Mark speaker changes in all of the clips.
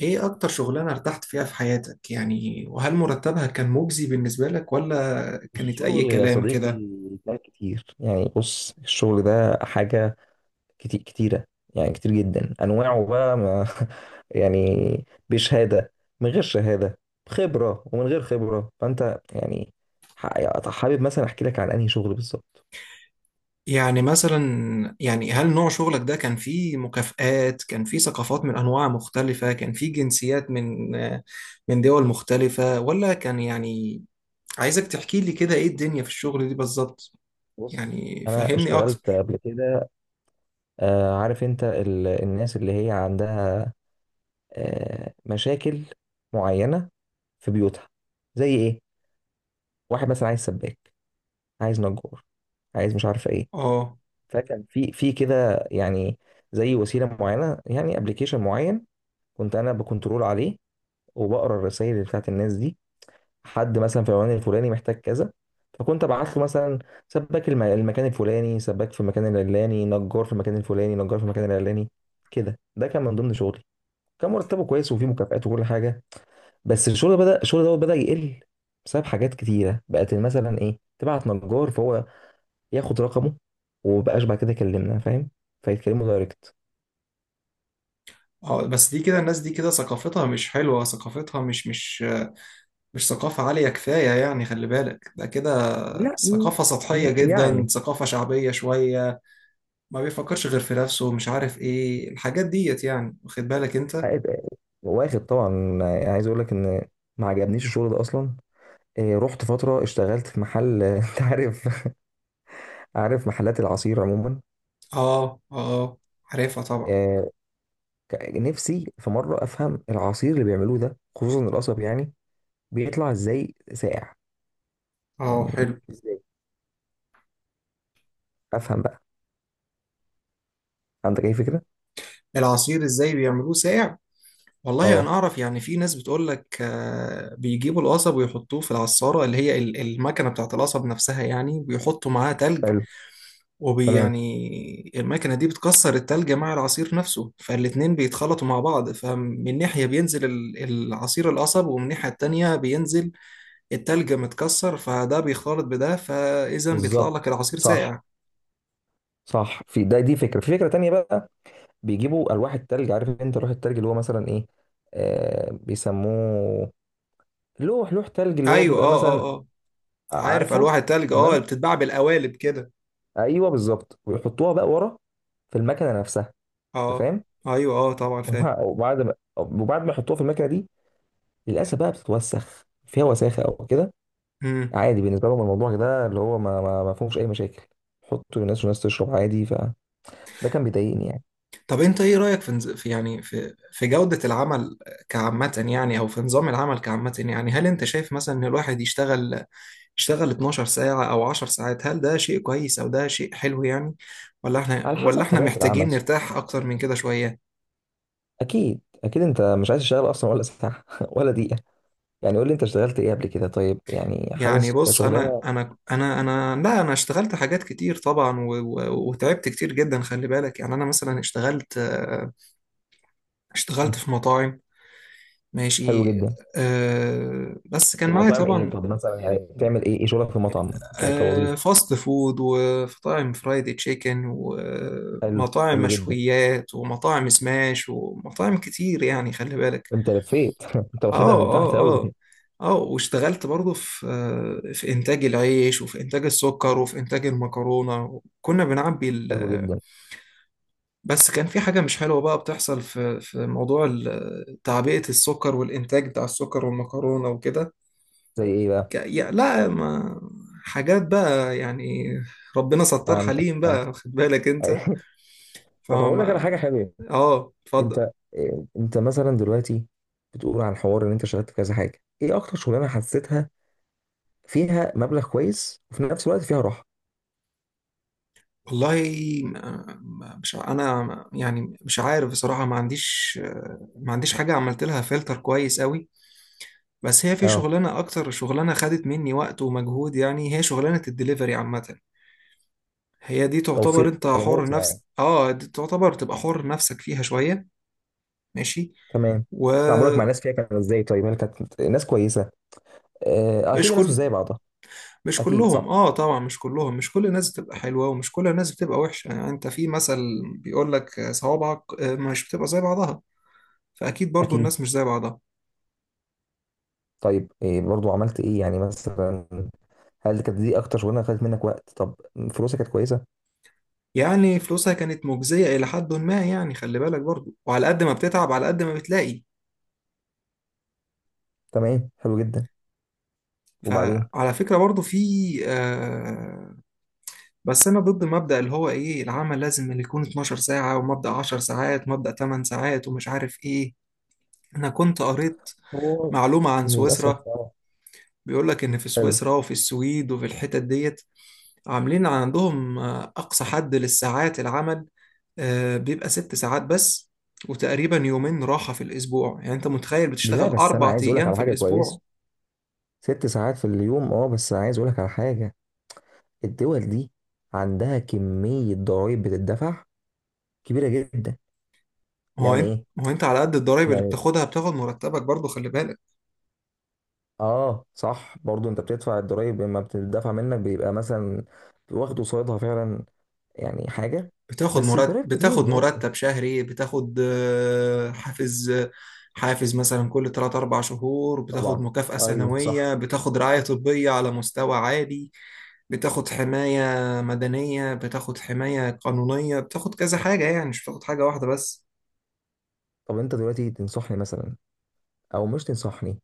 Speaker 1: ايه اكتر شغلانة ارتحت فيها في حياتك، يعني؟ وهل مرتبها كان مجزي بالنسبة لك، ولا كانت اي
Speaker 2: الشغل يا
Speaker 1: كلام
Speaker 2: صديقي
Speaker 1: كده؟
Speaker 2: ده كتير يعني بص الشغل ده حاجة كتير كتيرة. يعني كتير جدا أنواعه بقى ما يعني بشهادة من غير شهادة، بخبرة ومن غير خبرة. فأنت يعني حابب مثلا أحكي لك عن أنهي شغل بالظبط.
Speaker 1: يعني مثلا، يعني هل نوع شغلك ده كان فيه مكافآت؟ كان فيه ثقافات من انواع مختلفة؟ كان فيه جنسيات من دول مختلفة؟ ولا كان يعني؟ عايزك تحكي لي كده ايه الدنيا في الشغل دي بالظبط.
Speaker 2: بص
Speaker 1: يعني
Speaker 2: أنا
Speaker 1: فهمني
Speaker 2: اشتغلت
Speaker 1: اكتر.
Speaker 2: قبل كده. عارف أنت الناس اللي هي عندها مشاكل معينة في بيوتها. زي إيه؟ واحد مثلا عايز سباك، عايز نجار، عايز مش عارف إيه.
Speaker 1: اه،
Speaker 2: فكان في كده يعني، زي وسيله معينه، يعني ابلكيشن معين كنت انا بكنترول عليه، وبقرا الرسائل بتاعت الناس دي. حد مثلا في العنوان الفلاني محتاج كذا، فكنت ابعت له مثلا سباك، المكان الفلاني سباك، في المكان العلاني نجار، في المكان الفلاني نجار، في المكان العلاني. كده ده كان من ضمن شغلي. كان مرتبه كويس وفيه مكافآت وكل حاجه. بس الشغل بدا، الشغل دوت بدا يقل، بسبب حاجات كتيره بقت. مثلا ايه، تبعت نجار فهو ياخد رقمه ومبقاش بعد كده يكلمنا، فاهم؟ فيتكلموا دايركت.
Speaker 1: اه، بس دي كده الناس دي كده ثقافتها مش حلوة، ثقافتها مش ثقافة عالية كفاية، يعني. خلي بالك ده كده
Speaker 2: لا م-
Speaker 1: ثقافة
Speaker 2: م-
Speaker 1: سطحية جدا،
Speaker 2: يعني
Speaker 1: ثقافة شعبية شوية. ما بيفكرش غير في نفسه، مش عارف ايه الحاجات ديت، يعني. واخد بالك انت؟
Speaker 2: واخد طبعا. يعني عايز اقول لك ان ما عجبنيش الشغل ده اصلا. رحت فتره اشتغلت في محل انت عارف؟ عارف محلات العصير عموما.
Speaker 1: اه، اه، عارفها طبعا.
Speaker 2: إيه، نفسي في مره افهم العصير اللي بيعملوه ده، خصوصا القصب، يعني بيطلع ازاي ساقع؟
Speaker 1: اه
Speaker 2: يعني
Speaker 1: حلو.
Speaker 2: ازاي؟ افهم بقى. عندك اي فكره؟
Speaker 1: العصير ازاي بيعملوه ساقع؟ والله انا
Speaker 2: اه
Speaker 1: اعرف، يعني في ناس بتقول لك بيجيبوا القصب ويحطوه في العصارة اللي هي المكنة بتاعت القصب نفسها، يعني بيحطوا معاها تلج.
Speaker 2: حلو. تمام
Speaker 1: ويعني المكنة دي بتكسر التلج مع العصير نفسه، فالاتنين بيتخلطوا مع بعض. فمن ناحية بينزل العصير القصب، ومن الناحية التانية بينزل التلج متكسر، فده بيخلط بده، فإذا بيطلع لك
Speaker 2: بالظبط
Speaker 1: العصير
Speaker 2: صح.
Speaker 1: ساقع.
Speaker 2: صح في ده، دي فكره، في فكره تانية بقى. بيجيبوا الواح التلج. عارف انت لوح التلج اللي هو مثلا ايه؟ آه بيسموه لوح تلج، اللي هو
Speaker 1: أيوة،
Speaker 2: بيبقى
Speaker 1: أه، أه،
Speaker 2: مثلا،
Speaker 1: أه، عارف ألواح
Speaker 2: عارفه؟
Speaker 1: التلج، أه، اللي
Speaker 2: تمام.
Speaker 1: بتتباع بالقوالب كده.
Speaker 2: ايوه بالظبط. ويحطوها بقى ورا في المكنه نفسها. انت
Speaker 1: أه،
Speaker 2: فاهم؟
Speaker 1: أيوة، أه، طبعا فاهم.
Speaker 2: وبعد ما يحطوها في المكنه دي، للاسف بقى بتتوسخ فيها، وساخه او كده.
Speaker 1: مم.
Speaker 2: عادي بالنسبه لهم الموضوع ده، اللي هو ما فيهوش اي مشاكل. حطوا للناس والناس تشرب عادي. فده كان بيضايقني يعني.
Speaker 1: طب أنت إيه رأيك في في، يعني في جودة العمل كعامة، يعني؟ أو في نظام العمل كعامة، يعني؟ هل أنت شايف مثلا إن الواحد اشتغل 12 ساعة أو 10 ساعات؟ هل ده شيء كويس أو ده شيء حلو، يعني؟ ولا احنا،
Speaker 2: على حسب
Speaker 1: ولا احنا
Speaker 2: طبيعه
Speaker 1: محتاجين
Speaker 2: العمل صح.
Speaker 1: نرتاح أكتر من كده شوية؟
Speaker 2: اكيد اكيد انت مش عايز تشتغل اصلا ولا ساعه ولا دقيقه. يعني قول لي انت اشتغلت ايه قبل كده طيب؟ يعني
Speaker 1: يعني
Speaker 2: حاسس
Speaker 1: بص أنا،
Speaker 2: كشغلانه.
Speaker 1: أنا أنا أنا لا أنا اشتغلت حاجات كتير طبعا، وتعبت كتير جدا، خلي بالك. يعني أنا مثلا اشتغلت، اشتغلت
Speaker 2: مم.
Speaker 1: في مطاعم.
Speaker 2: حلو
Speaker 1: ماشي.
Speaker 2: جدا.
Speaker 1: أه بس كان
Speaker 2: طب
Speaker 1: معايا
Speaker 2: مطاعم ايه؟
Speaker 1: طبعا.
Speaker 2: طب مثلا يعني بتعمل ايه، ايه شغلك في مطعم
Speaker 1: أه،
Speaker 2: كوظيفه؟
Speaker 1: فاست فود، ومطاعم فرايدي تشيكن،
Speaker 2: حلو
Speaker 1: ومطاعم
Speaker 2: حلو جدا.
Speaker 1: مشويات، ومطاعم سماش، ومطاعم كتير، يعني خلي بالك.
Speaker 2: انت لفيت انت واخدها
Speaker 1: اه،
Speaker 2: من تحت
Speaker 1: اه،
Speaker 2: قوي.
Speaker 1: اه، اه، واشتغلت برضه في، في انتاج العيش، وفي انتاج السكر، وفي انتاج المكرونه. كنا بنعبي ال...
Speaker 2: حلو جدا.
Speaker 1: بس كان في حاجه مش حلوه بقى بتحصل في موضوع تعبئه السكر، والانتاج بتاع السكر والمكرونه وكده.
Speaker 2: زي ايه بقى؟
Speaker 1: لا، ما، حاجات بقى، يعني. ربنا ستار
Speaker 2: فهمتك
Speaker 1: حليم
Speaker 2: فهمتك.
Speaker 1: بقى، خد بالك انت.
Speaker 2: طب هقول لك على حاجه
Speaker 1: فما.
Speaker 2: حلوه.
Speaker 1: اه اتفضل.
Speaker 2: انت، اه، انت مثلا دلوقتي بتقول عن حوار ان انت اشتغلت في كذا حاجه، ايه اكتر شغلانه حسيتها فيها مبلغ كويس وفي نفس الوقت فيها راحه؟
Speaker 1: والله مش، انا يعني مش عارف بصراحه. ما عنديش، ما عنديش حاجه عملت لها فلتر كويس قوي. بس هي في
Speaker 2: اه.
Speaker 1: شغلانه، اكتر شغلانه خدت مني وقت ومجهود، يعني هي شغلانه الدليفري عامه. هي دي
Speaker 2: توصيل
Speaker 1: تعتبر انت حر
Speaker 2: طلبات يعني.
Speaker 1: نفس اه دي تعتبر تبقى حر نفسك فيها شويه. ماشي.
Speaker 2: تمام. تعاملك مع
Speaker 1: ومش
Speaker 2: الناس فيها كان ازاي طيب؟ هل كانت ناس كويسه؟ اكيد الناس مش
Speaker 1: كل
Speaker 2: زي بعضها.
Speaker 1: مش
Speaker 2: اكيد
Speaker 1: كلهم،
Speaker 2: صح.
Speaker 1: اه طبعا مش كلهم. مش كل الناس بتبقى حلوه، ومش كل الناس بتبقى وحشه، يعني. انت في مثل بيقول لك صوابعك، مش بتبقى زي بعضها، فاكيد برضو
Speaker 2: اكيد.
Speaker 1: الناس مش زي بعضها.
Speaker 2: طيب إيه برضو، عملت ايه يعني مثلا؟ هل كانت دي اكتر شغلانه خدت منك وقت؟ طب فلوسك كانت كويسه؟
Speaker 1: يعني فلوسها كانت مجزية إلى حد ما، يعني خلي بالك برضو، وعلى قد ما بتتعب على قد ما بتلاقي.
Speaker 2: تمام حلو جدا. وبعدين؟
Speaker 1: فعلى فكرة برضو في، آه، بس أنا ضد مبدأ اللي هو إيه العمل لازم اللي يكون 12 ساعة، ومبدأ 10 ساعات، ومبدأ 8 ساعات، ومش عارف إيه. أنا كنت قريت
Speaker 2: هو
Speaker 1: معلومة عن
Speaker 2: للاسف
Speaker 1: سويسرا،
Speaker 2: اه.
Speaker 1: بيقول لك إن في
Speaker 2: حلو.
Speaker 1: سويسرا، وفي السويد، وفي الحتت ديت، عاملين عندهم، أقصى حد للساعات العمل، بيبقى 6 ساعات بس، وتقريبا يومين راحة في الأسبوع. يعني أنت متخيل
Speaker 2: لا
Speaker 1: بتشتغل
Speaker 2: بس انا
Speaker 1: أربع
Speaker 2: عايز اقولك
Speaker 1: أيام
Speaker 2: على
Speaker 1: في
Speaker 2: حاجه
Speaker 1: الأسبوع؟
Speaker 2: كويسه. 6 ساعات في اليوم اه، بس عايز اقولك على حاجه. الدول دي عندها كميه ضرائب بتدفع كبيره جدا. يعني ايه
Speaker 1: هو أنت على قد الضرايب اللي
Speaker 2: يعني؟
Speaker 1: بتاخدها بتاخد مرتبك برضو، خلي بالك.
Speaker 2: اه صح، برضو انت بتدفع الضرايب، لما بتدفع منك بيبقى مثلا واخد قصادها فعلا يعني حاجه.
Speaker 1: بتاخد
Speaker 2: بس
Speaker 1: مرتب،
Speaker 2: الضرايب كتير
Speaker 1: بتاخد
Speaker 2: برضو.
Speaker 1: مرتب شهري، بتاخد، حافز، حافز مثلا كل 3 4 شهور، بتاخد
Speaker 2: طبعا.
Speaker 1: مكافأة
Speaker 2: ايوه صح.
Speaker 1: سنوية، بتاخد رعاية طبية على مستوى عالي، بتاخد حماية مدنية، بتاخد حماية قانونية، بتاخد كذا حاجة، يعني مش بتاخد حاجة واحدة بس.
Speaker 2: طب انت دلوقتي تنصحني مثلا او مش تنصحني؟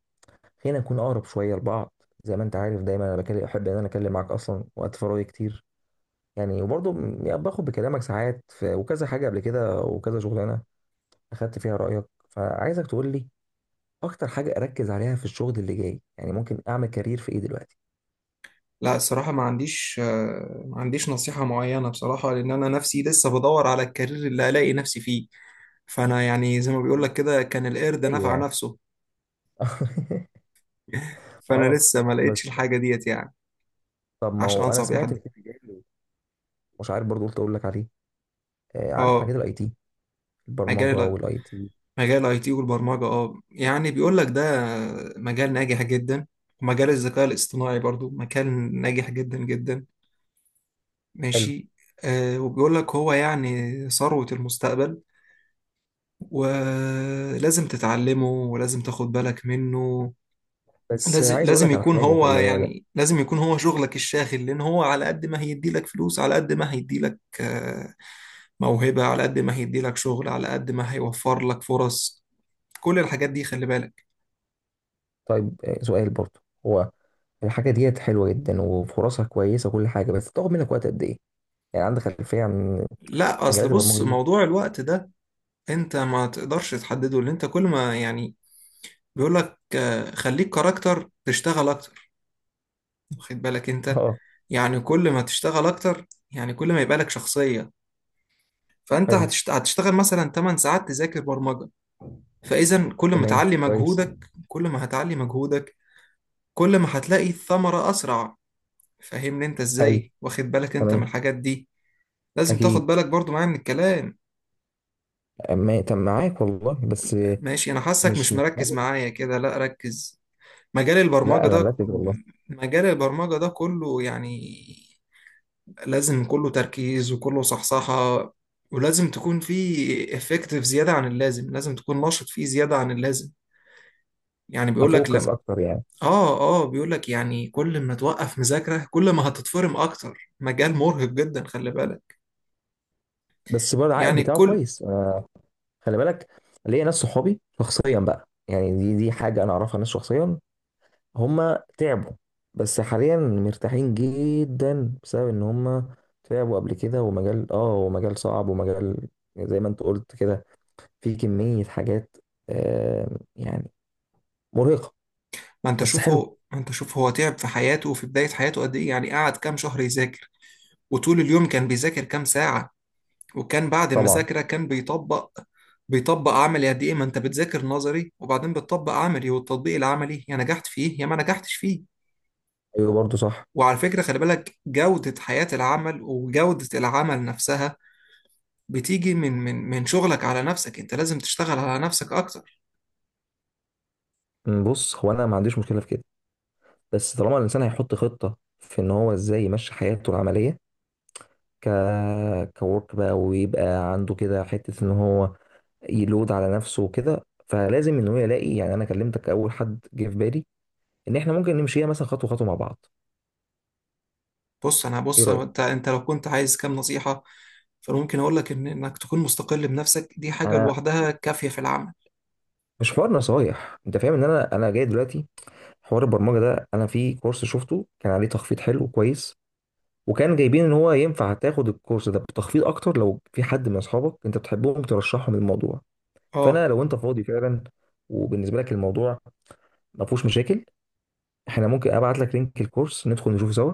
Speaker 2: خلينا نكون اقرب شويه لبعض. زي ما انت عارف، دايما انا بكلم احب ان انا اكلم معاك اصلا، وقت فراغي كتير يعني. وبرضو باخد بكلامك ساعات، في وكذا حاجه قبل كده وكذا شغلانه اخدت فيها رايك. فعايزك تقول لي اكتر حاجه اركز عليها في الشغل اللي جاي. يعني ممكن اعمل كارير في ايه دلوقتي؟
Speaker 1: لا الصراحة ما عنديش، ما عنديش نصيحة معينة بصراحة، لأن أنا نفسي لسه بدور على الكارير اللي ألاقي نفسي فيه. فأنا يعني زي ما بيقول لك كده، كان القرد
Speaker 2: زي
Speaker 1: نفع
Speaker 2: يعني
Speaker 1: نفسه. فأنا
Speaker 2: اه
Speaker 1: لسه ما لقيتش
Speaker 2: بس.
Speaker 1: الحاجة ديت، يعني،
Speaker 2: طب ما
Speaker 1: عشان
Speaker 2: هو انا
Speaker 1: أنصح بيها
Speaker 2: سمعت
Speaker 1: حد.
Speaker 2: ان في مجال، مش عارف برضو، قلت اقول لك عليه. عارف
Speaker 1: اه،
Speaker 2: مجال الIT؟ البرمجه
Speaker 1: مجال ال-
Speaker 2: والاي تي.
Speaker 1: مجال الاي تي والبرمجة، اه، يعني بيقول لك ده مجال ناجح جدا، ومجال الذكاء الاصطناعي برضو مجال ناجح جدا جدا.
Speaker 2: حلو.
Speaker 1: ماشي. آه، وبيقول لك هو يعني ثروة المستقبل، ولازم تتعلمه، ولازم تاخد بالك منه.
Speaker 2: بس عايز اقول لك على حاجه، خلي بالك.
Speaker 1: لازم يكون هو شغلك الشاغل، لأن هو على قد ما هيدي لك فلوس، على قد ما هيدي لك، آه، موهبة، على قد ما هيدي لك شغل، على قد ما هيوفر لك فرص. كل الحاجات دي خلي بالك.
Speaker 2: طيب سؤال برضو. هو الحاجه ديت حلوه جدا وفرصها كويسه وكل حاجه، بس بتاخد منك وقت قد ايه؟ يعني عندك خلفيه عن
Speaker 1: لا أصل
Speaker 2: مجالات
Speaker 1: بص
Speaker 2: البرمجه دي؟
Speaker 1: موضوع الوقت ده أنت ما تقدرش تحدده، لأن أنت كل ما، يعني، بيقول لك، خليك كاركتر تشتغل أكتر، واخد بالك انت؟
Speaker 2: اه
Speaker 1: يعني كل ما تشتغل اكتر، يعني كل ما يبقى لك شخصية. فانت
Speaker 2: حلو.
Speaker 1: هتشتغل مثلا 8 ساعات تذاكر برمجة. فاذا كل ما
Speaker 2: تمام
Speaker 1: تعلي
Speaker 2: كويس.
Speaker 1: مجهودك، كل ما هتعلي مجهودك، كل ما هتلاقي الثمرة اسرع. فاهمني انت
Speaker 2: حلو.
Speaker 1: ازاي؟ واخد بالك انت من
Speaker 2: تمام.
Speaker 1: الحاجات دي؟ لازم
Speaker 2: اكيد.
Speaker 1: تاخد بالك برضو معايا من الكلام.
Speaker 2: تم معاك والله. بس
Speaker 1: ماشي، انا حاسك مش مركز
Speaker 2: قادر.
Speaker 1: معايا كده. لا ركز، مجال
Speaker 2: لا
Speaker 1: البرمجة
Speaker 2: انا
Speaker 1: ده،
Speaker 2: مركز والله.
Speaker 1: كله يعني لازم كله تركيز، وكله صحصحة، ولازم تكون في افكتيف زيادة عن اللازم، لازم تكون نشط فيه زيادة عن اللازم. يعني بيقول لك
Speaker 2: افوكس
Speaker 1: لم.
Speaker 2: اكتر يعني.
Speaker 1: اه، اه، بيقول لك يعني كل ما توقف مذاكرة، كل ما هتتفرم اكتر. مجال مرهق جدا، خلي بالك.
Speaker 2: بس برضه العائد
Speaker 1: يعني
Speaker 2: بتاعه
Speaker 1: الكل.
Speaker 2: كويس خلي بالك. ليا ناس صحابي شخصيا بقى، يعني دي حاجه انا اعرفها، ناس شخصيا هم تعبوا، بس حاليا مرتاحين جدا بسبب ان هم تعبوا قبل كده. ومجال اه، ومجال صعب، ومجال زي ما انت قلت كده، في كميه حاجات يعني مرهقه. بس حلو.
Speaker 1: ما انت شوف هو تعب في حياته، وفي بداية حياته قد ايه، يعني قعد كام شهر يذاكر، وطول اليوم كان بيذاكر كام ساعة، وكان بعد
Speaker 2: طبعا.
Speaker 1: المذاكرة كان بيطبق. بيطبق عملي قد إيه؟ ما أنت بتذاكر نظري، وبعدين بتطبق عملي، والتطبيق العملي يا نجحت فيه يا ما نجحتش فيه.
Speaker 2: ايوه برضه صح.
Speaker 1: وعلى فكرة خلي بالك جودة حياة العمل وجودة العمل نفسها، بتيجي من شغلك على نفسك. أنت لازم تشتغل على نفسك أكتر.
Speaker 2: بص هو انا ما عنديش مشكله في كده، بس طالما الانسان هيحط خطه في ان هو ازاي يمشي حياته العمليه، ك كورك بقى، ويبقى عنده كده حتة ان هو يلود على نفسه وكده. فلازم ان هو يلاقي، يعني انا كلمتك اول حد جه في بالي ان احنا ممكن نمشيها مثلا خطوة خطوة مع بعض.
Speaker 1: بص أنا،
Speaker 2: ايه
Speaker 1: بص
Speaker 2: رأيك؟
Speaker 1: أنت لو كنت عايز كام نصيحة، فممكن أقول لك إنك تكون مستقل بنفسك، دي حاجة
Speaker 2: انا
Speaker 1: لوحدها كافية في العمل.
Speaker 2: مش حوار نصايح، انت فاهم ان انا، جاي دلوقتي حوار البرمجة ده. انا في كورس شفته كان عليه تخفيض حلو كويس، وكان جايبين ان هو ينفع تاخد الكورس ده بتخفيض اكتر لو في حد من اصحابك انت بتحبهم ترشحهم الموضوع. فانا
Speaker 1: أه
Speaker 2: لو انت فاضي فعلا، وبالنسبة لك الموضوع ما فيهوش مشاكل، احنا ممكن ابعت لك لينك الكورس، ندخل نشوف سوا،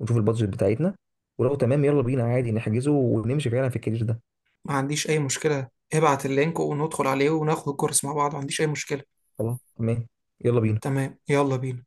Speaker 2: ونشوف البادجت بتاعتنا، ولو تمام يلا بينا عادي نحجزه ونمشي فعلا في الكارير ده.
Speaker 1: ما عنديش أي مشكلة، ابعت اللينك وندخل عليه وناخد الكورس مع بعض. ما عنديش أي مشكلة.
Speaker 2: خلاص تمام. يلا بينا.
Speaker 1: تمام، يلا بينا.